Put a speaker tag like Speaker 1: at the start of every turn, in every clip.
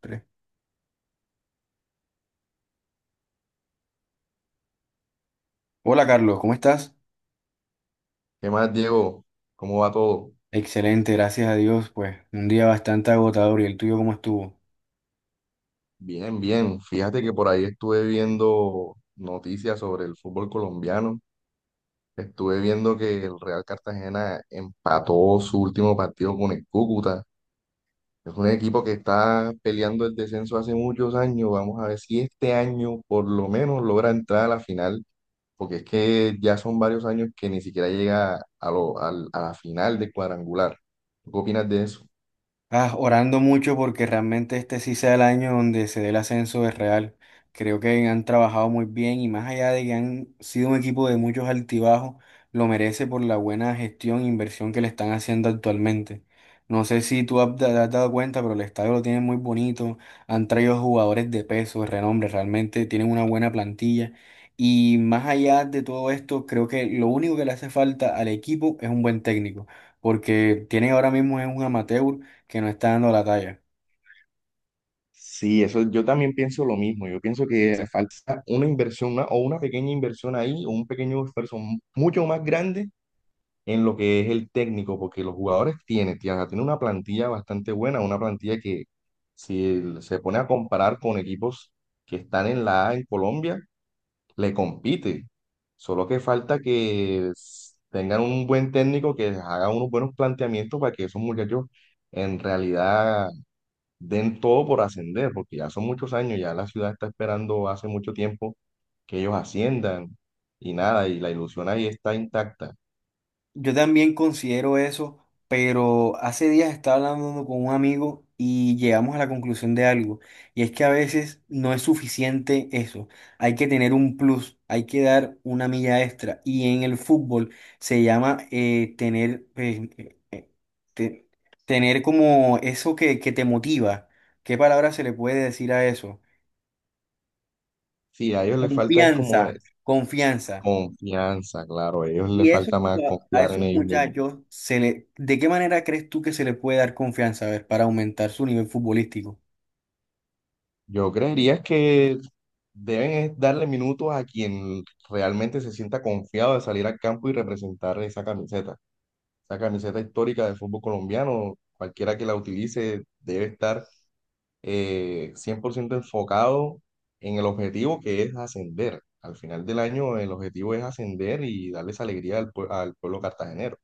Speaker 1: Tres. Hola Carlos, ¿cómo estás?
Speaker 2: ¿Qué más, Diego? ¿Cómo va todo?
Speaker 1: Excelente, gracias a Dios. Pues un día bastante agotador. ¿Y el tuyo cómo estuvo?
Speaker 2: Bien, bien. Fíjate que por ahí estuve viendo noticias sobre el fútbol colombiano. Estuve viendo que el Real Cartagena empató su último partido con el Cúcuta. Es un equipo que está peleando el descenso hace muchos años. Vamos a ver si este año por lo menos logra entrar a la final, porque es que ya son varios años que ni siquiera llega a la final de cuadrangular. ¿Qué opinas de eso?
Speaker 1: Ah, orando mucho porque realmente este sí sea el año donde se dé el ascenso de Real. Creo que han trabajado muy bien y más allá de que han sido un equipo de muchos altibajos, lo merece por la buena gestión e inversión que le están haciendo actualmente. No sé si te has dado cuenta, pero el estadio lo tienen muy bonito. Han traído jugadores de peso, de renombre, realmente tienen una buena plantilla. Y más allá de todo esto, creo que lo único que le hace falta al equipo es un buen técnico, porque tiene ahora mismo es un amateur que no está dando la talla.
Speaker 2: Sí, eso yo también pienso lo mismo. Yo pienso que falta una inversión o una pequeña inversión ahí o un pequeño esfuerzo mucho más grande en lo que es el técnico, porque los jugadores tienen, tía, tienen una plantilla bastante buena, una plantilla que si se pone a comparar con equipos que están en la A en Colombia, le compite. Solo que falta que tengan un buen técnico que les haga unos buenos planteamientos para que esos muchachos en realidad den todo por ascender, porque ya son muchos años, ya la ciudad está esperando hace mucho tiempo que ellos asciendan y nada, y la ilusión ahí está intacta.
Speaker 1: Yo también considero eso, pero hace días estaba hablando con un amigo y llegamos a la conclusión de algo, y es que a veces no es suficiente eso, hay que tener un plus, hay que dar una milla extra, y en el fútbol se llama tener, te- tener como eso que te motiva. ¿Qué palabra se le puede decir a eso?
Speaker 2: Sí, a ellos les falta es
Speaker 1: Confianza,
Speaker 2: como es
Speaker 1: confianza.
Speaker 2: confianza, claro, a ellos les
Speaker 1: Y eso,
Speaker 2: falta más
Speaker 1: a
Speaker 2: confiar en
Speaker 1: esos
Speaker 2: ellos mismos.
Speaker 1: muchachos, se le, ¿de qué manera crees tú que se le puede dar confianza, a ver, para aumentar su nivel futbolístico?
Speaker 2: Yo creería que deben es darle minutos a quien realmente se sienta confiado de salir al campo y representar esa camiseta histórica del fútbol colombiano, cualquiera que la utilice debe estar 100% enfocado en el objetivo que es ascender. Al final del año el objetivo es ascender y darles alegría al pueblo cartagenero.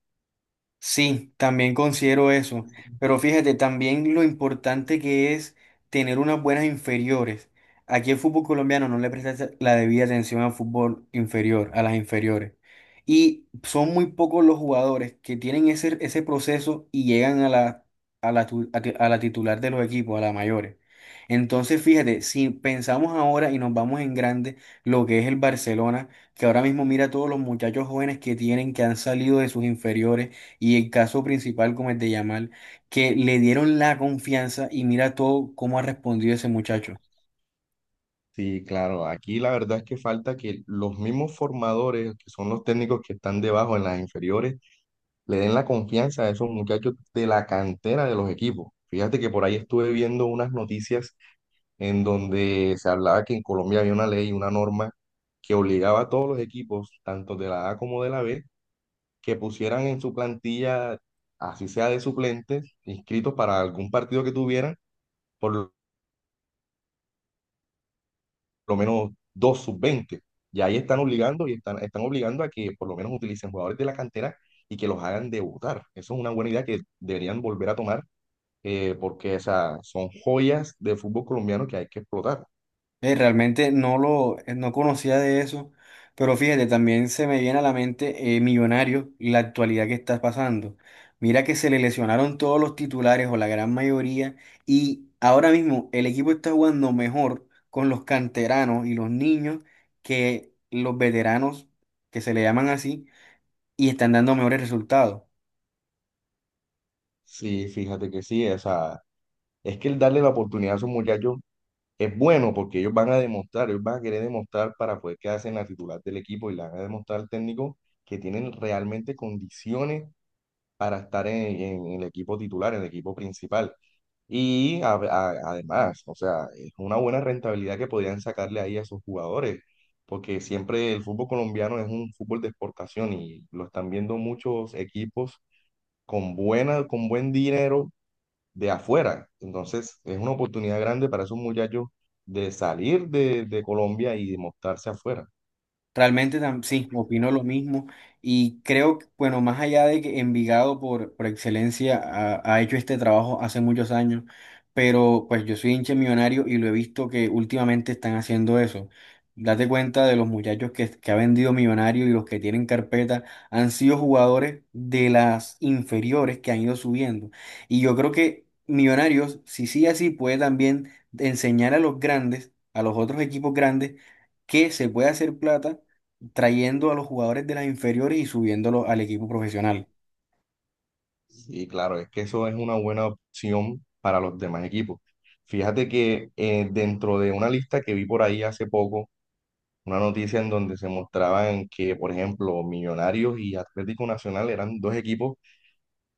Speaker 1: Sí, también considero eso, pero fíjate también lo importante que es tener unas buenas inferiores. Aquí el fútbol colombiano no le presta la debida atención al fútbol inferior, a las inferiores. Y son muy pocos los jugadores que tienen ese proceso y llegan a la, a la titular de los equipos, a la mayores. Entonces, fíjate, si pensamos ahora y nos vamos en grande, lo que es el Barcelona, que ahora mismo mira todos los muchachos jóvenes que tienen, que han salido de sus inferiores y el caso principal como el de Yamal, que le dieron la confianza y mira todo cómo ha respondido ese muchacho.
Speaker 2: Sí, claro, aquí la verdad es que falta que los mismos formadores, que son los técnicos que están debajo en las inferiores, le den la confianza a esos muchachos de la cantera de los equipos. Fíjate que por ahí estuve viendo unas noticias en donde se hablaba que en Colombia había una ley, una norma que obligaba a todos los equipos, tanto de la A como de la B, que pusieran en su plantilla, así sea de suplentes, inscritos para algún partido que tuvieran, por lo menos 2 sub-20. Y ahí están obligando y están obligando a que por lo menos utilicen jugadores de la cantera y que los hagan debutar. Eso es una buena idea que deberían volver a tomar, porque o sea, son joyas de fútbol colombiano que hay que explotar.
Speaker 1: Realmente no conocía de eso, pero fíjate, también se me viene a la mente Millonario y la actualidad que está pasando. Mira que se le lesionaron todos los titulares o la gran mayoría y ahora mismo el equipo está jugando mejor con los canteranos y los niños que los veteranos, que se le llaman así, y están dando mejores resultados.
Speaker 2: Sí, fíjate que sí, o sea, es que el darle la oportunidad a esos muchachos es bueno porque ellos van a demostrar, ellos van a querer demostrar para poder quedarse en la titular del equipo y le van a demostrar al técnico que tienen realmente condiciones para estar en el equipo titular, en el equipo principal. Y además, o sea, es una buena rentabilidad que podrían sacarle ahí a esos jugadores, porque siempre el fútbol colombiano es un fútbol de exportación y lo están viendo muchos equipos con buena, con buen dinero de afuera. Entonces, es una oportunidad grande para esos muchachos de salir de Colombia y de mostrarse afuera.
Speaker 1: Sí, opino lo mismo y creo que, bueno, más allá de que Envigado por excelencia ha hecho este trabajo hace muchos años, pero pues yo soy hincha de millonario y lo he visto que últimamente están haciendo eso. Date cuenta de los muchachos que ha vendido Millonario y los que tienen carpeta han sido jugadores de las inferiores que han ido subiendo. Y yo creo que Millonarios, si sigue así, puede también enseñar a los grandes, a los otros equipos grandes, que se puede hacer plata trayendo a los jugadores de las inferiores y subiéndolos al equipo profesional.
Speaker 2: Y claro, es que eso es una buena opción para los demás equipos. Fíjate que dentro de una lista que vi por ahí hace poco, una noticia en donde se mostraban que, por ejemplo, Millonarios y Atlético Nacional eran dos equipos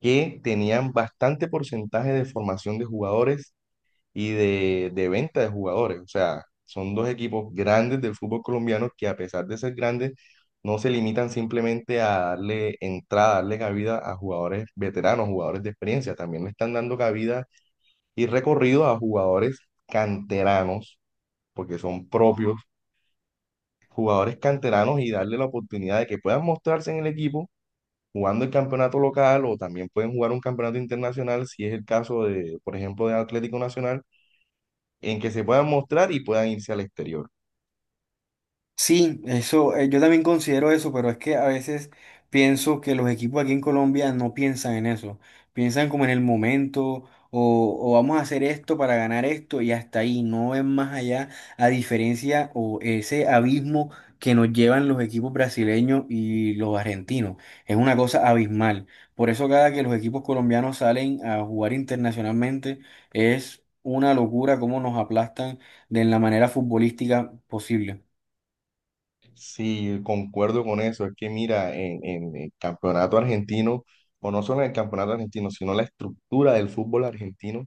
Speaker 2: que tenían bastante porcentaje de formación de jugadores y de venta de jugadores. O sea, son dos equipos grandes del fútbol colombiano que a pesar de ser grandes, no se limitan simplemente a darle entrada, darle cabida a jugadores veteranos, jugadores de experiencia. También le están dando cabida y recorrido a jugadores canteranos, porque son propios jugadores canteranos y darle la oportunidad de que puedan mostrarse en el equipo, jugando el campeonato local o también pueden jugar un campeonato internacional si es el caso de, por ejemplo, de Atlético Nacional en que se puedan mostrar y puedan irse al exterior.
Speaker 1: Sí, eso, yo también considero eso, pero es que a veces pienso que los equipos aquí en Colombia no piensan en eso. Piensan como en el momento, o vamos a hacer esto para ganar esto, y hasta ahí, no ven más allá, a diferencia o ese abismo que nos llevan los equipos brasileños y los argentinos. Es una cosa abismal. Por eso cada que los equipos colombianos salen a jugar internacionalmente, es una locura cómo nos aplastan de la manera futbolística posible.
Speaker 2: Sí, concuerdo con eso. Es que mira, en el campeonato argentino, o no solo en el campeonato argentino, sino la estructura del fútbol argentino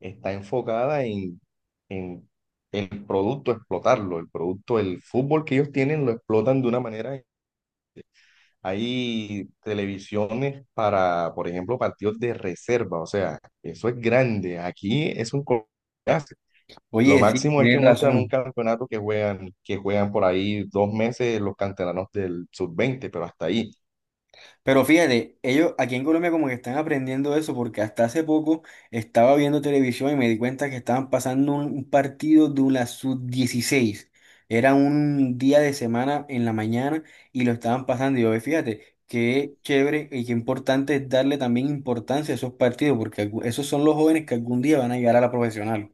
Speaker 2: está enfocada en el producto, explotarlo, el producto, el fútbol que ellos tienen lo explotan de una manera. Hay televisiones para, por ejemplo, partidos de reserva, o sea, eso es grande. Aquí es un. Lo
Speaker 1: Oye, sí,
Speaker 2: máximo es que
Speaker 1: tienes
Speaker 2: muestran un
Speaker 1: razón.
Speaker 2: campeonato que juegan, por ahí 2 meses los canteranos del sub-20, pero hasta ahí.
Speaker 1: Pero fíjate, ellos aquí en Colombia como que están aprendiendo eso porque hasta hace poco estaba viendo televisión y me di cuenta que estaban pasando un partido de la sub-16. Era un día de semana en la mañana y lo estaban pasando. Y yo, "Ve, fíjate, qué chévere y qué importante es darle también importancia a esos partidos porque esos son los jóvenes que algún día van a llegar a la profesional."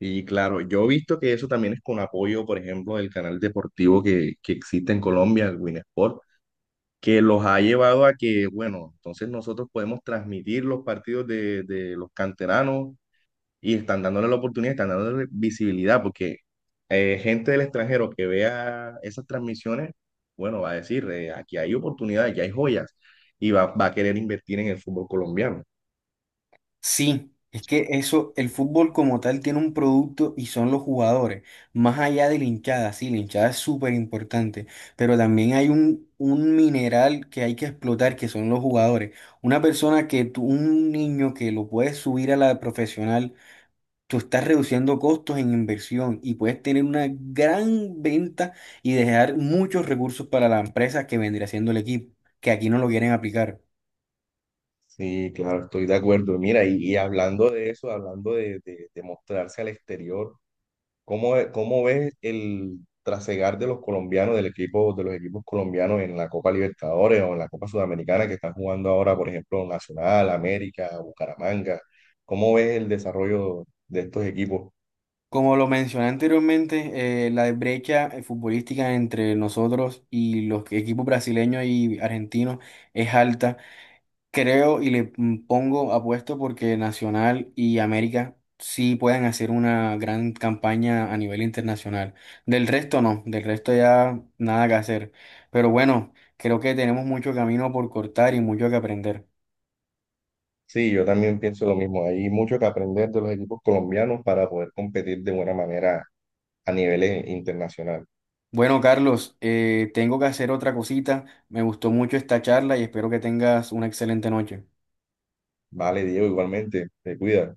Speaker 2: Y claro, yo he visto que eso también es con apoyo, por ejemplo, del canal deportivo que existe en Colombia, el Winsport, que los ha llevado a que, bueno, entonces nosotros podemos transmitir los partidos de los canteranos y están dándole la oportunidad, están dándole visibilidad, porque gente del extranjero que vea esas transmisiones, bueno, va a decir, aquí hay oportunidades, aquí hay joyas, y va a querer invertir en el fútbol colombiano.
Speaker 1: Sí, es que eso, el fútbol como tal tiene un producto y son los jugadores, más allá de la hinchada, sí, la hinchada es súper importante, pero también hay un mineral que hay que explotar, que son los jugadores. Una persona que tú, un niño que lo puedes subir a la profesional, tú estás reduciendo costos en inversión y puedes tener una gran venta y dejar muchos recursos para la empresa que vendría siendo el equipo, que aquí no lo quieren aplicar.
Speaker 2: Sí, claro, estoy de acuerdo. Mira, y hablando de eso, hablando de mostrarse al exterior, ¿Cómo ves el trasegar de los colombianos, del equipo, de los equipos colombianos en la Copa Libertadores o en la Copa Sudamericana que están jugando ahora, por ejemplo, Nacional, América, Bucaramanga? ¿Cómo ves el desarrollo de estos equipos?
Speaker 1: Como lo mencioné anteriormente, la brecha futbolística entre nosotros y los equipos brasileños y argentinos es alta. Creo pongo apuesto porque Nacional y América sí pueden hacer una gran campaña a nivel internacional. Del resto no, del resto ya nada que hacer. Pero bueno, creo que tenemos mucho camino por cortar y mucho que aprender.
Speaker 2: Sí, yo también pienso lo mismo. Hay mucho que aprender de los equipos colombianos para poder competir de buena manera a niveles internacionales.
Speaker 1: Bueno, Carlos, tengo que hacer otra cosita. Me gustó mucho esta charla y espero que tengas una excelente noche.
Speaker 2: Vale, Diego, igualmente, te cuidas.